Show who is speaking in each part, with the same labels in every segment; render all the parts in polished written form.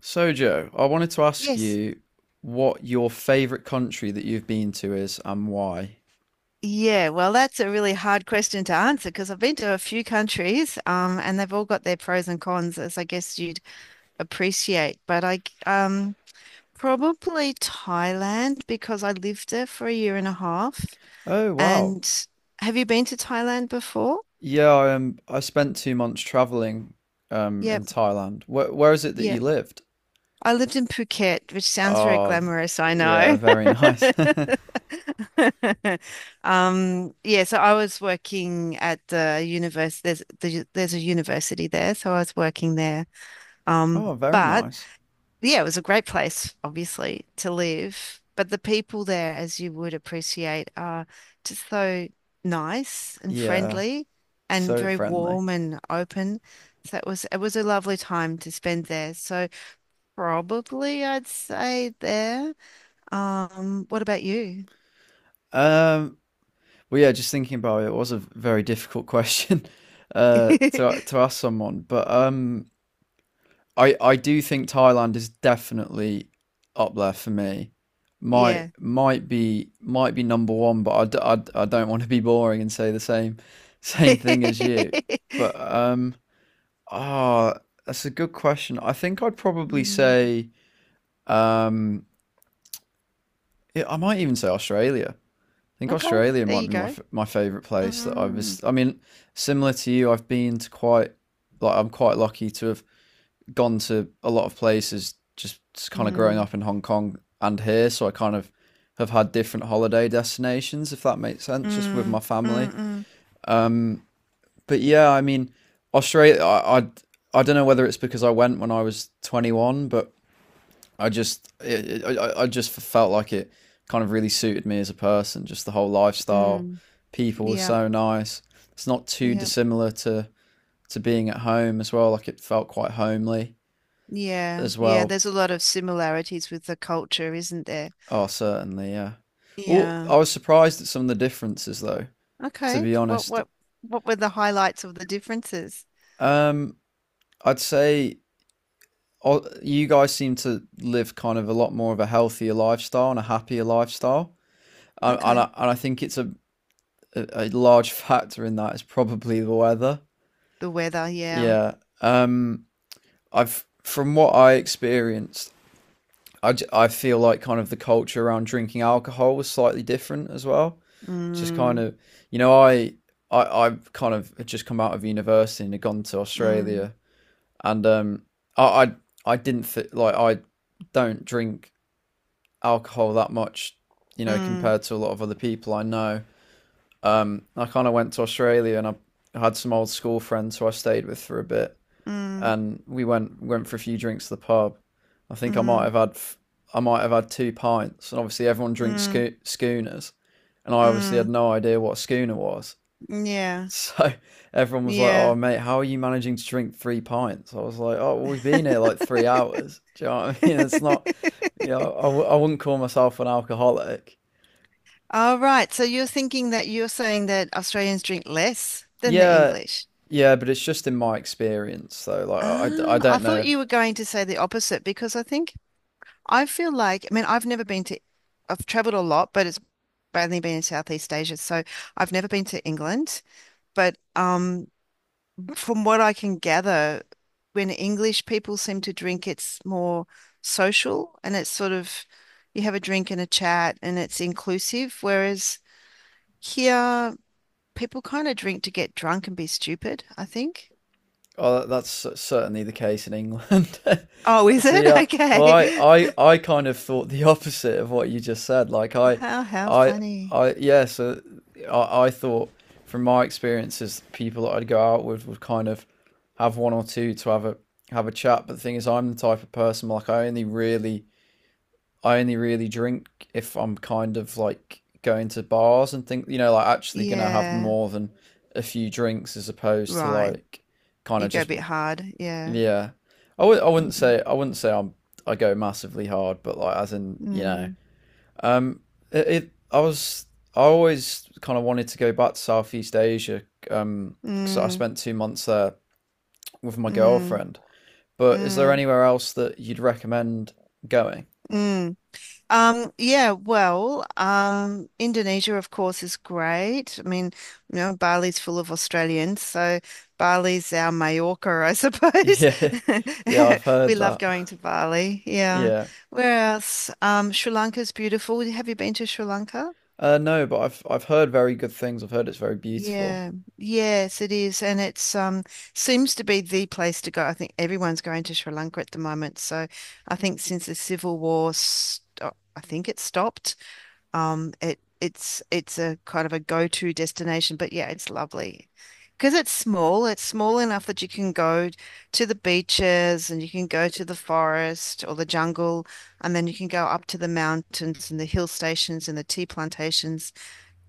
Speaker 1: So, Joe, I wanted to ask
Speaker 2: Yes.
Speaker 1: you what your favorite country that you've been to is and why.
Speaker 2: Yeah, well, that's a really hard question to answer because I've been to a few countries, and they've all got their pros and cons, as I guess you'd appreciate. Probably Thailand because I lived there for a year and a half.
Speaker 1: Oh, wow.
Speaker 2: And have you been to Thailand before?
Speaker 1: Yeah, I spent 2 months traveling in
Speaker 2: Yep.
Speaker 1: Thailand. Where is it that
Speaker 2: Yeah.
Speaker 1: you lived?
Speaker 2: I lived in Phuket, which sounds very
Speaker 1: Oh, v-
Speaker 2: glamorous, I
Speaker 1: yeah,
Speaker 2: know.
Speaker 1: very nice.
Speaker 2: Yeah, so I was working at the university. There's a university there, so I was working there. Um,
Speaker 1: Oh, very
Speaker 2: but
Speaker 1: nice.
Speaker 2: yeah, it was a great place, obviously, to live. But the people there, as you would appreciate, are just so nice and
Speaker 1: Yeah,
Speaker 2: friendly and
Speaker 1: so
Speaker 2: very
Speaker 1: friendly.
Speaker 2: warm and open. So it was a lovely time to spend there. Probably, I'd say there. What about you?
Speaker 1: Um, well, yeah, just thinking about it, it was a very difficult question to ask someone, but I do think Thailand is definitely up there for me. Might
Speaker 2: Yeah.
Speaker 1: might be might be number one, but I don't want to be boring and say the same same thing as you. But ah That's a good question. I think I'd probably
Speaker 2: Mm,
Speaker 1: say um yeah, I might even say Australia. I think
Speaker 2: okay,
Speaker 1: Australia
Speaker 2: there
Speaker 1: might
Speaker 2: you
Speaker 1: be
Speaker 2: go.
Speaker 1: my favorite place that
Speaker 2: Mm,
Speaker 1: I mean similar to you, I've been to quite like I'm quite lucky to have gone to a lot of places just kind of growing
Speaker 2: mm,
Speaker 1: up in Hong Kong and here, so I kind of have had different holiday destinations, if that makes sense, just with my
Speaker 2: mm, mm,
Speaker 1: family.
Speaker 2: mm,
Speaker 1: But yeah, I mean, Australia, I don't know whether it's because I went when I was 21, but I just felt like it kind of really suited me as a person, just the whole lifestyle.
Speaker 2: mm.
Speaker 1: People were
Speaker 2: Yeah,
Speaker 1: so nice. It's not too
Speaker 2: yeah,
Speaker 1: dissimilar to, to being at home as well. Like it felt quite homely
Speaker 2: yeah,
Speaker 1: as
Speaker 2: yeah.
Speaker 1: well.
Speaker 2: There's a lot of similarities with the culture, isn't there?
Speaker 1: Oh, certainly, yeah. Well,
Speaker 2: Yeah.
Speaker 1: I was surprised at some of the differences, though, to
Speaker 2: Okay.
Speaker 1: be
Speaker 2: What
Speaker 1: honest.
Speaker 2: what what were the highlights of the differences?
Speaker 1: Um, I'd say you guys seem to live kind of a lot more of a healthier lifestyle and a happier lifestyle. And, and, I,
Speaker 2: Okay.
Speaker 1: and I think it's a large factor in that is probably the weather.
Speaker 2: The weather, yeah.
Speaker 1: Yeah. Um, from what I experienced, I feel like kind of the culture around drinking alcohol was slightly different as well. Just kind
Speaker 2: Mm,
Speaker 1: of, you know, I, I've kind of had just come out of university and had gone to
Speaker 2: mm,
Speaker 1: Australia, and I, I, I didn't fit like I don't drink alcohol that much, you know,
Speaker 2: mm,
Speaker 1: compared to a lot of other people I know. I kind of went to Australia and I had some old school friends who I stayed with for a bit,
Speaker 2: mm,
Speaker 1: and we went for a few drinks to the pub. I think
Speaker 2: mm,
Speaker 1: I might have had 2 pints, and obviously everyone drinks
Speaker 2: mm.
Speaker 1: schooners, and I obviously had
Speaker 2: Mm,
Speaker 1: no idea what a schooner was.
Speaker 2: yeah,
Speaker 1: So everyone was like, "Oh,
Speaker 2: yeah.
Speaker 1: mate, how are you managing to drink 3 pints?" I was like, "Oh, well, we've been here like 3 hours." Do you know what I mean? It's not, I wouldn't call myself an alcoholic.
Speaker 2: All right. So you're saying that Australians drink less than the
Speaker 1: Yeah,
Speaker 2: English.
Speaker 1: yeah, but it's just in my experience, though. Like, I
Speaker 2: Ah, I
Speaker 1: don't know
Speaker 2: thought
Speaker 1: if
Speaker 2: you were going to say the opposite because I think I feel like, I mean, I've never been to, I've traveled a lot, but it's mainly been in Southeast Asia. So I've never been to England. But From what I can gather, when English people seem to drink, it's more social and it's sort of, you have a drink and a chat and it's inclusive. Whereas here, people kind of drink to get drunk and be stupid, I think.
Speaker 1: oh, that's certainly the case in England.
Speaker 2: Oh, is it?
Speaker 1: See, uh, well, I,
Speaker 2: Okay.
Speaker 1: I, I kind of thought the opposite of what you just said.
Speaker 2: How
Speaker 1: I,
Speaker 2: funny.
Speaker 1: yeah. So, I thought from my experiences, people that I'd go out with would kind of have one or two to have a chat. But the thing is, I'm the type of person like I only really drink if I'm kind of like going to bars and think, you know, like actually gonna have
Speaker 2: Yeah,
Speaker 1: more than a few drinks as opposed to
Speaker 2: right.
Speaker 1: like kind
Speaker 2: You
Speaker 1: of
Speaker 2: go a
Speaker 1: just
Speaker 2: bit hard. Yeah.
Speaker 1: yeah, I w-
Speaker 2: Mm,
Speaker 1: I wouldn't say I'm I go massively hard, but like as in you know,
Speaker 2: mm,
Speaker 1: um, it, it I was I always kind of wanted to go back to Southeast Asia, because I
Speaker 2: mm,
Speaker 1: spent 2 months there with my
Speaker 2: mm,
Speaker 1: girlfriend. But is there
Speaker 2: mm,
Speaker 1: anywhere else that you'd recommend going?
Speaker 2: mm. Indonesia, of course, is great. I mean, you know, Bali's full of Australians, so Bali's our Majorca, I suppose.
Speaker 1: Yeah, yeah, I've
Speaker 2: We
Speaker 1: heard
Speaker 2: love
Speaker 1: that.
Speaker 2: going to Bali. Yeah.
Speaker 1: Yeah,
Speaker 2: Where else? Sri Lanka's beautiful. Have you been to Sri Lanka?
Speaker 1: no, but I've heard very good things. I've heard it's very beautiful.
Speaker 2: Yeah. Yes, it is. And it's seems to be the place to go. I think everyone's going to Sri Lanka at the moment. So I think since the civil war, I think it stopped. It's a kind of a go-to destination, but yeah, it's lovely. Because it's small enough that you can go to the beaches and you can go to the forest or the jungle, and then you can go up to the mountains and the hill stations and the tea plantations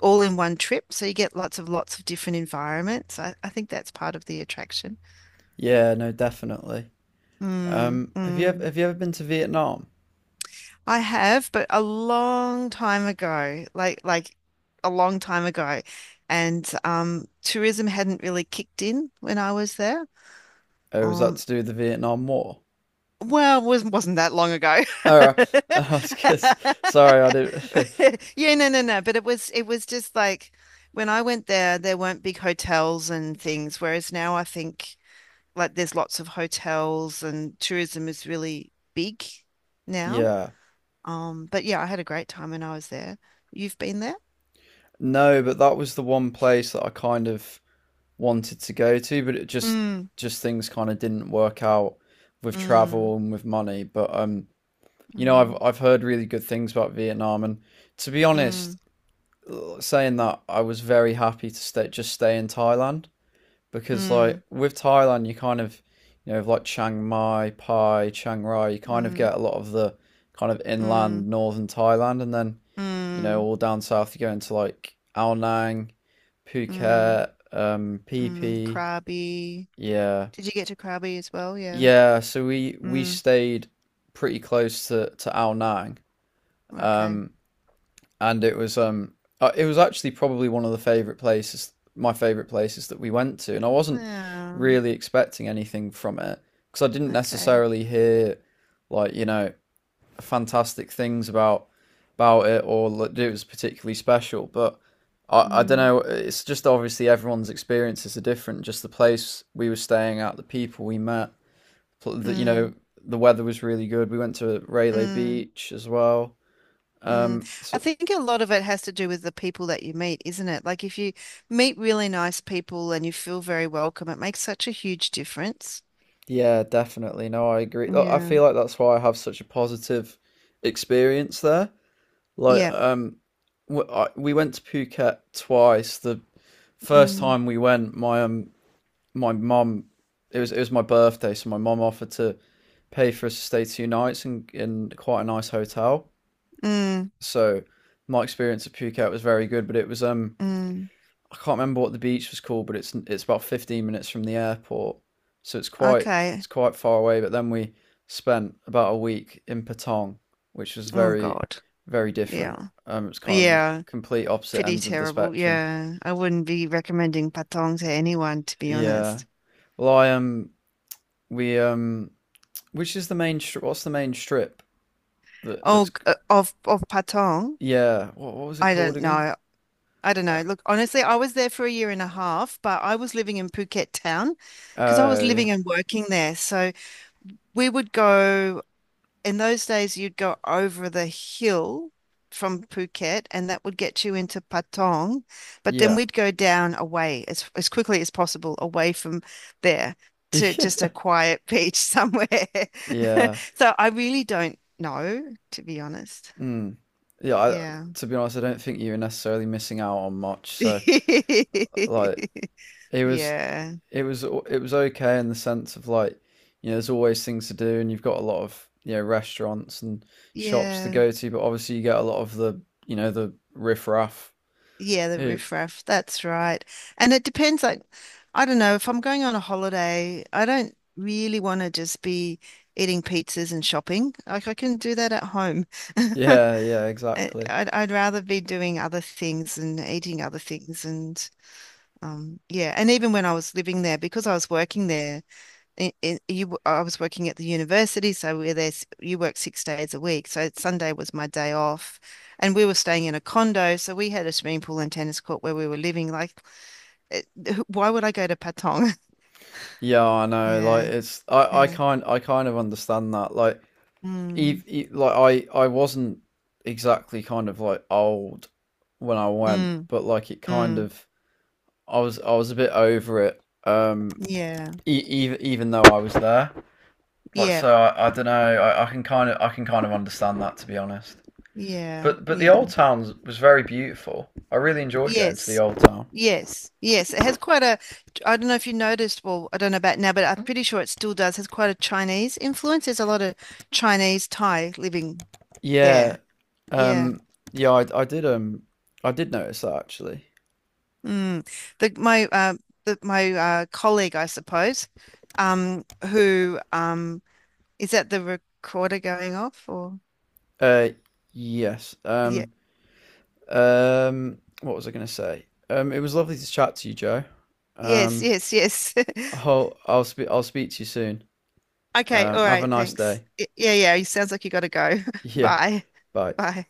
Speaker 2: all in one trip. So you get lots of different environments. I think that's part of the attraction.
Speaker 1: Yeah, no, definitely.
Speaker 2: Mm, mm.
Speaker 1: Have you ever been to Vietnam?
Speaker 2: I have, but a long time ago, like a long time ago, and tourism hadn't really kicked in when I was there.
Speaker 1: Oh, was that
Speaker 2: Um,
Speaker 1: to do with the Vietnam War?
Speaker 2: well, it wasn't that long ago.
Speaker 1: Oh, I was just, sorry, I didn't.
Speaker 2: Yeah, no, no, no. But it was just like when I went there, there weren't big hotels and things, whereas now I think like there's lots of hotels and tourism is really big now.
Speaker 1: Yeah.
Speaker 2: But yeah, I had a great time when I was there. You've been there?
Speaker 1: No, but that was the one place that I kind of wanted to go to, but it
Speaker 2: Mm,
Speaker 1: just things kind of didn't work out with
Speaker 2: mm,
Speaker 1: travel and with money. But you know, I've
Speaker 2: mm,
Speaker 1: heard really good things about Vietnam, and to be
Speaker 2: mm,
Speaker 1: honest, saying that, I was very happy to stay just stay in Thailand. Because like
Speaker 2: mm,
Speaker 1: with Thailand, you kind of you know like Chiang Mai, Pai, Chiang Rai, you kind of
Speaker 2: mm,
Speaker 1: get a lot of the kind of
Speaker 2: mm,
Speaker 1: inland northern Thailand, and then you know
Speaker 2: mm,
Speaker 1: all down south you go into like Ao Nang,
Speaker 2: mm,
Speaker 1: Phuket, Phi
Speaker 2: mm.
Speaker 1: Phi.
Speaker 2: Krabi.
Speaker 1: Yeah,
Speaker 2: Did you get to Krabi as well? Yeah.
Speaker 1: yeah. So we
Speaker 2: Mm,
Speaker 1: stayed pretty close to Ao Nang.
Speaker 2: okay.
Speaker 1: Um, and it was actually probably one of the favorite places my favorite places that we went to and I wasn't
Speaker 2: Yeah.
Speaker 1: really expecting anything from it because I didn't
Speaker 2: Okay.
Speaker 1: necessarily hear like you know fantastic things about it or that it was particularly special but I don't
Speaker 2: Mm,
Speaker 1: know it's just obviously everyone's experiences are different just the place we were staying at the people we met you know
Speaker 2: mm,
Speaker 1: the weather was really good we went to Rayleigh
Speaker 2: mm,
Speaker 1: Beach as well
Speaker 2: mm. I
Speaker 1: so
Speaker 2: think a lot of it has to do with the people that you meet, isn't it? Like if you meet really nice people and you feel very welcome, it makes such a huge difference.
Speaker 1: yeah, definitely. No, I agree. Look, I
Speaker 2: Yeah.
Speaker 1: feel like that's why I have such a positive experience there. Like,
Speaker 2: Yeah.
Speaker 1: w I we went to Phuket twice. The first
Speaker 2: Mm.
Speaker 1: time we went, my mum, it was my birthday, so my mum offered to pay for us to stay 2 nights in quite a nice hotel.
Speaker 2: Mm,
Speaker 1: So my experience at Phuket was very good, but it was
Speaker 2: mm,
Speaker 1: I can't remember what the beach was called, but it's about 15 minutes from the airport, so it's
Speaker 2: okay.
Speaker 1: quite far away. But then we spent about a week in Patong, which was
Speaker 2: Oh
Speaker 1: very
Speaker 2: God.
Speaker 1: very different.
Speaker 2: Yeah.
Speaker 1: It's kind of the
Speaker 2: Yeah.
Speaker 1: complete opposite
Speaker 2: Pretty
Speaker 1: ends of the
Speaker 2: terrible.
Speaker 1: spectrum.
Speaker 2: Yeah. I wouldn't be recommending Patong to anyone, to be
Speaker 1: Yeah.
Speaker 2: honest.
Speaker 1: Well, I we which is the main stri- What's the main strip that that's
Speaker 2: Of Patong,
Speaker 1: yeah what was it
Speaker 2: I
Speaker 1: called
Speaker 2: don't
Speaker 1: again?
Speaker 2: know. I don't
Speaker 1: Uh,
Speaker 2: know. Look, honestly, I was there for a year and a half, but I was living in Phuket town because I was
Speaker 1: Oh yeah
Speaker 2: living and working there. So we would go. In those days, you'd go over the hill from Phuket, and that would get you into Patong. But then we'd go down away as quickly as possible away from there to
Speaker 1: yeah.
Speaker 2: just a quiet beach somewhere.
Speaker 1: yeah.
Speaker 2: So I really don't know, to be honest.
Speaker 1: Mm. Yeah, I,
Speaker 2: Yeah.
Speaker 1: to be honest, I don't think you were necessarily missing out on much. So, like, it was
Speaker 2: Yeah.
Speaker 1: it was it was okay in the sense of like, you know, there's always things to do, and you've got a lot of you know restaurants and shops to
Speaker 2: Yeah.
Speaker 1: go to, but obviously you get a lot of the you know the riffraff
Speaker 2: Yeah, the
Speaker 1: who.
Speaker 2: riffraff. That's right. And it depends. Like, I don't know, if I'm going on a holiday, I don't really want to just be eating pizzas and shopping. Like, I can do that at home. I-
Speaker 1: Yeah, yeah, exactly.
Speaker 2: I'd rather be doing other things and eating other things. And yeah. And even when I was living there, because I was working there, I was working at the university, so we're there, you work 6 days a week. So Sunday was my day off, and we were staying in a condo, so we had a swimming pool and tennis court where we were living. Like, it, why would I go to Patong?
Speaker 1: Yeah, I know. Like,
Speaker 2: Yeah,
Speaker 1: it's
Speaker 2: yeah,
Speaker 1: I kind of understand that. Like,
Speaker 2: mm,
Speaker 1: ev e like I wasn't exactly kind of like old when I went,
Speaker 2: mm,
Speaker 1: but like it kind
Speaker 2: mm,
Speaker 1: of I was a bit over it.
Speaker 2: yeah,
Speaker 1: Even even though I was there, like
Speaker 2: yeah,
Speaker 1: so, I don't know. I can kind of understand that to be honest.
Speaker 2: yeah,
Speaker 1: But the
Speaker 2: yeah,
Speaker 1: old town was very beautiful. I really enjoyed going to the
Speaker 2: yes.
Speaker 1: old town.
Speaker 2: Yes, yes, it has quite a. I don't know if you noticed. Well, I don't know about now, but I'm pretty sure it still does. Has quite a Chinese influence. There's a lot of Chinese Thai living
Speaker 1: Yeah.
Speaker 2: there. Yeah.
Speaker 1: Um. Yeah. I did notice that actually.
Speaker 2: Mm. The my uh the my colleague, I suppose, who is that the recorder going off or
Speaker 1: Uh. Yes.
Speaker 2: yeah.
Speaker 1: What was I going to say? It was lovely to chat to you, Joe.
Speaker 2: Yes,
Speaker 1: Um.
Speaker 2: yes, yes.
Speaker 1: I'll speak I'll speak to you soon.
Speaker 2: Okay, all
Speaker 1: Have a
Speaker 2: right,
Speaker 1: nice
Speaker 2: thanks.
Speaker 1: day.
Speaker 2: Yeah, yeah, it sounds like you gotta go.
Speaker 1: Yeah.
Speaker 2: Bye.
Speaker 1: Bye.
Speaker 2: Bye.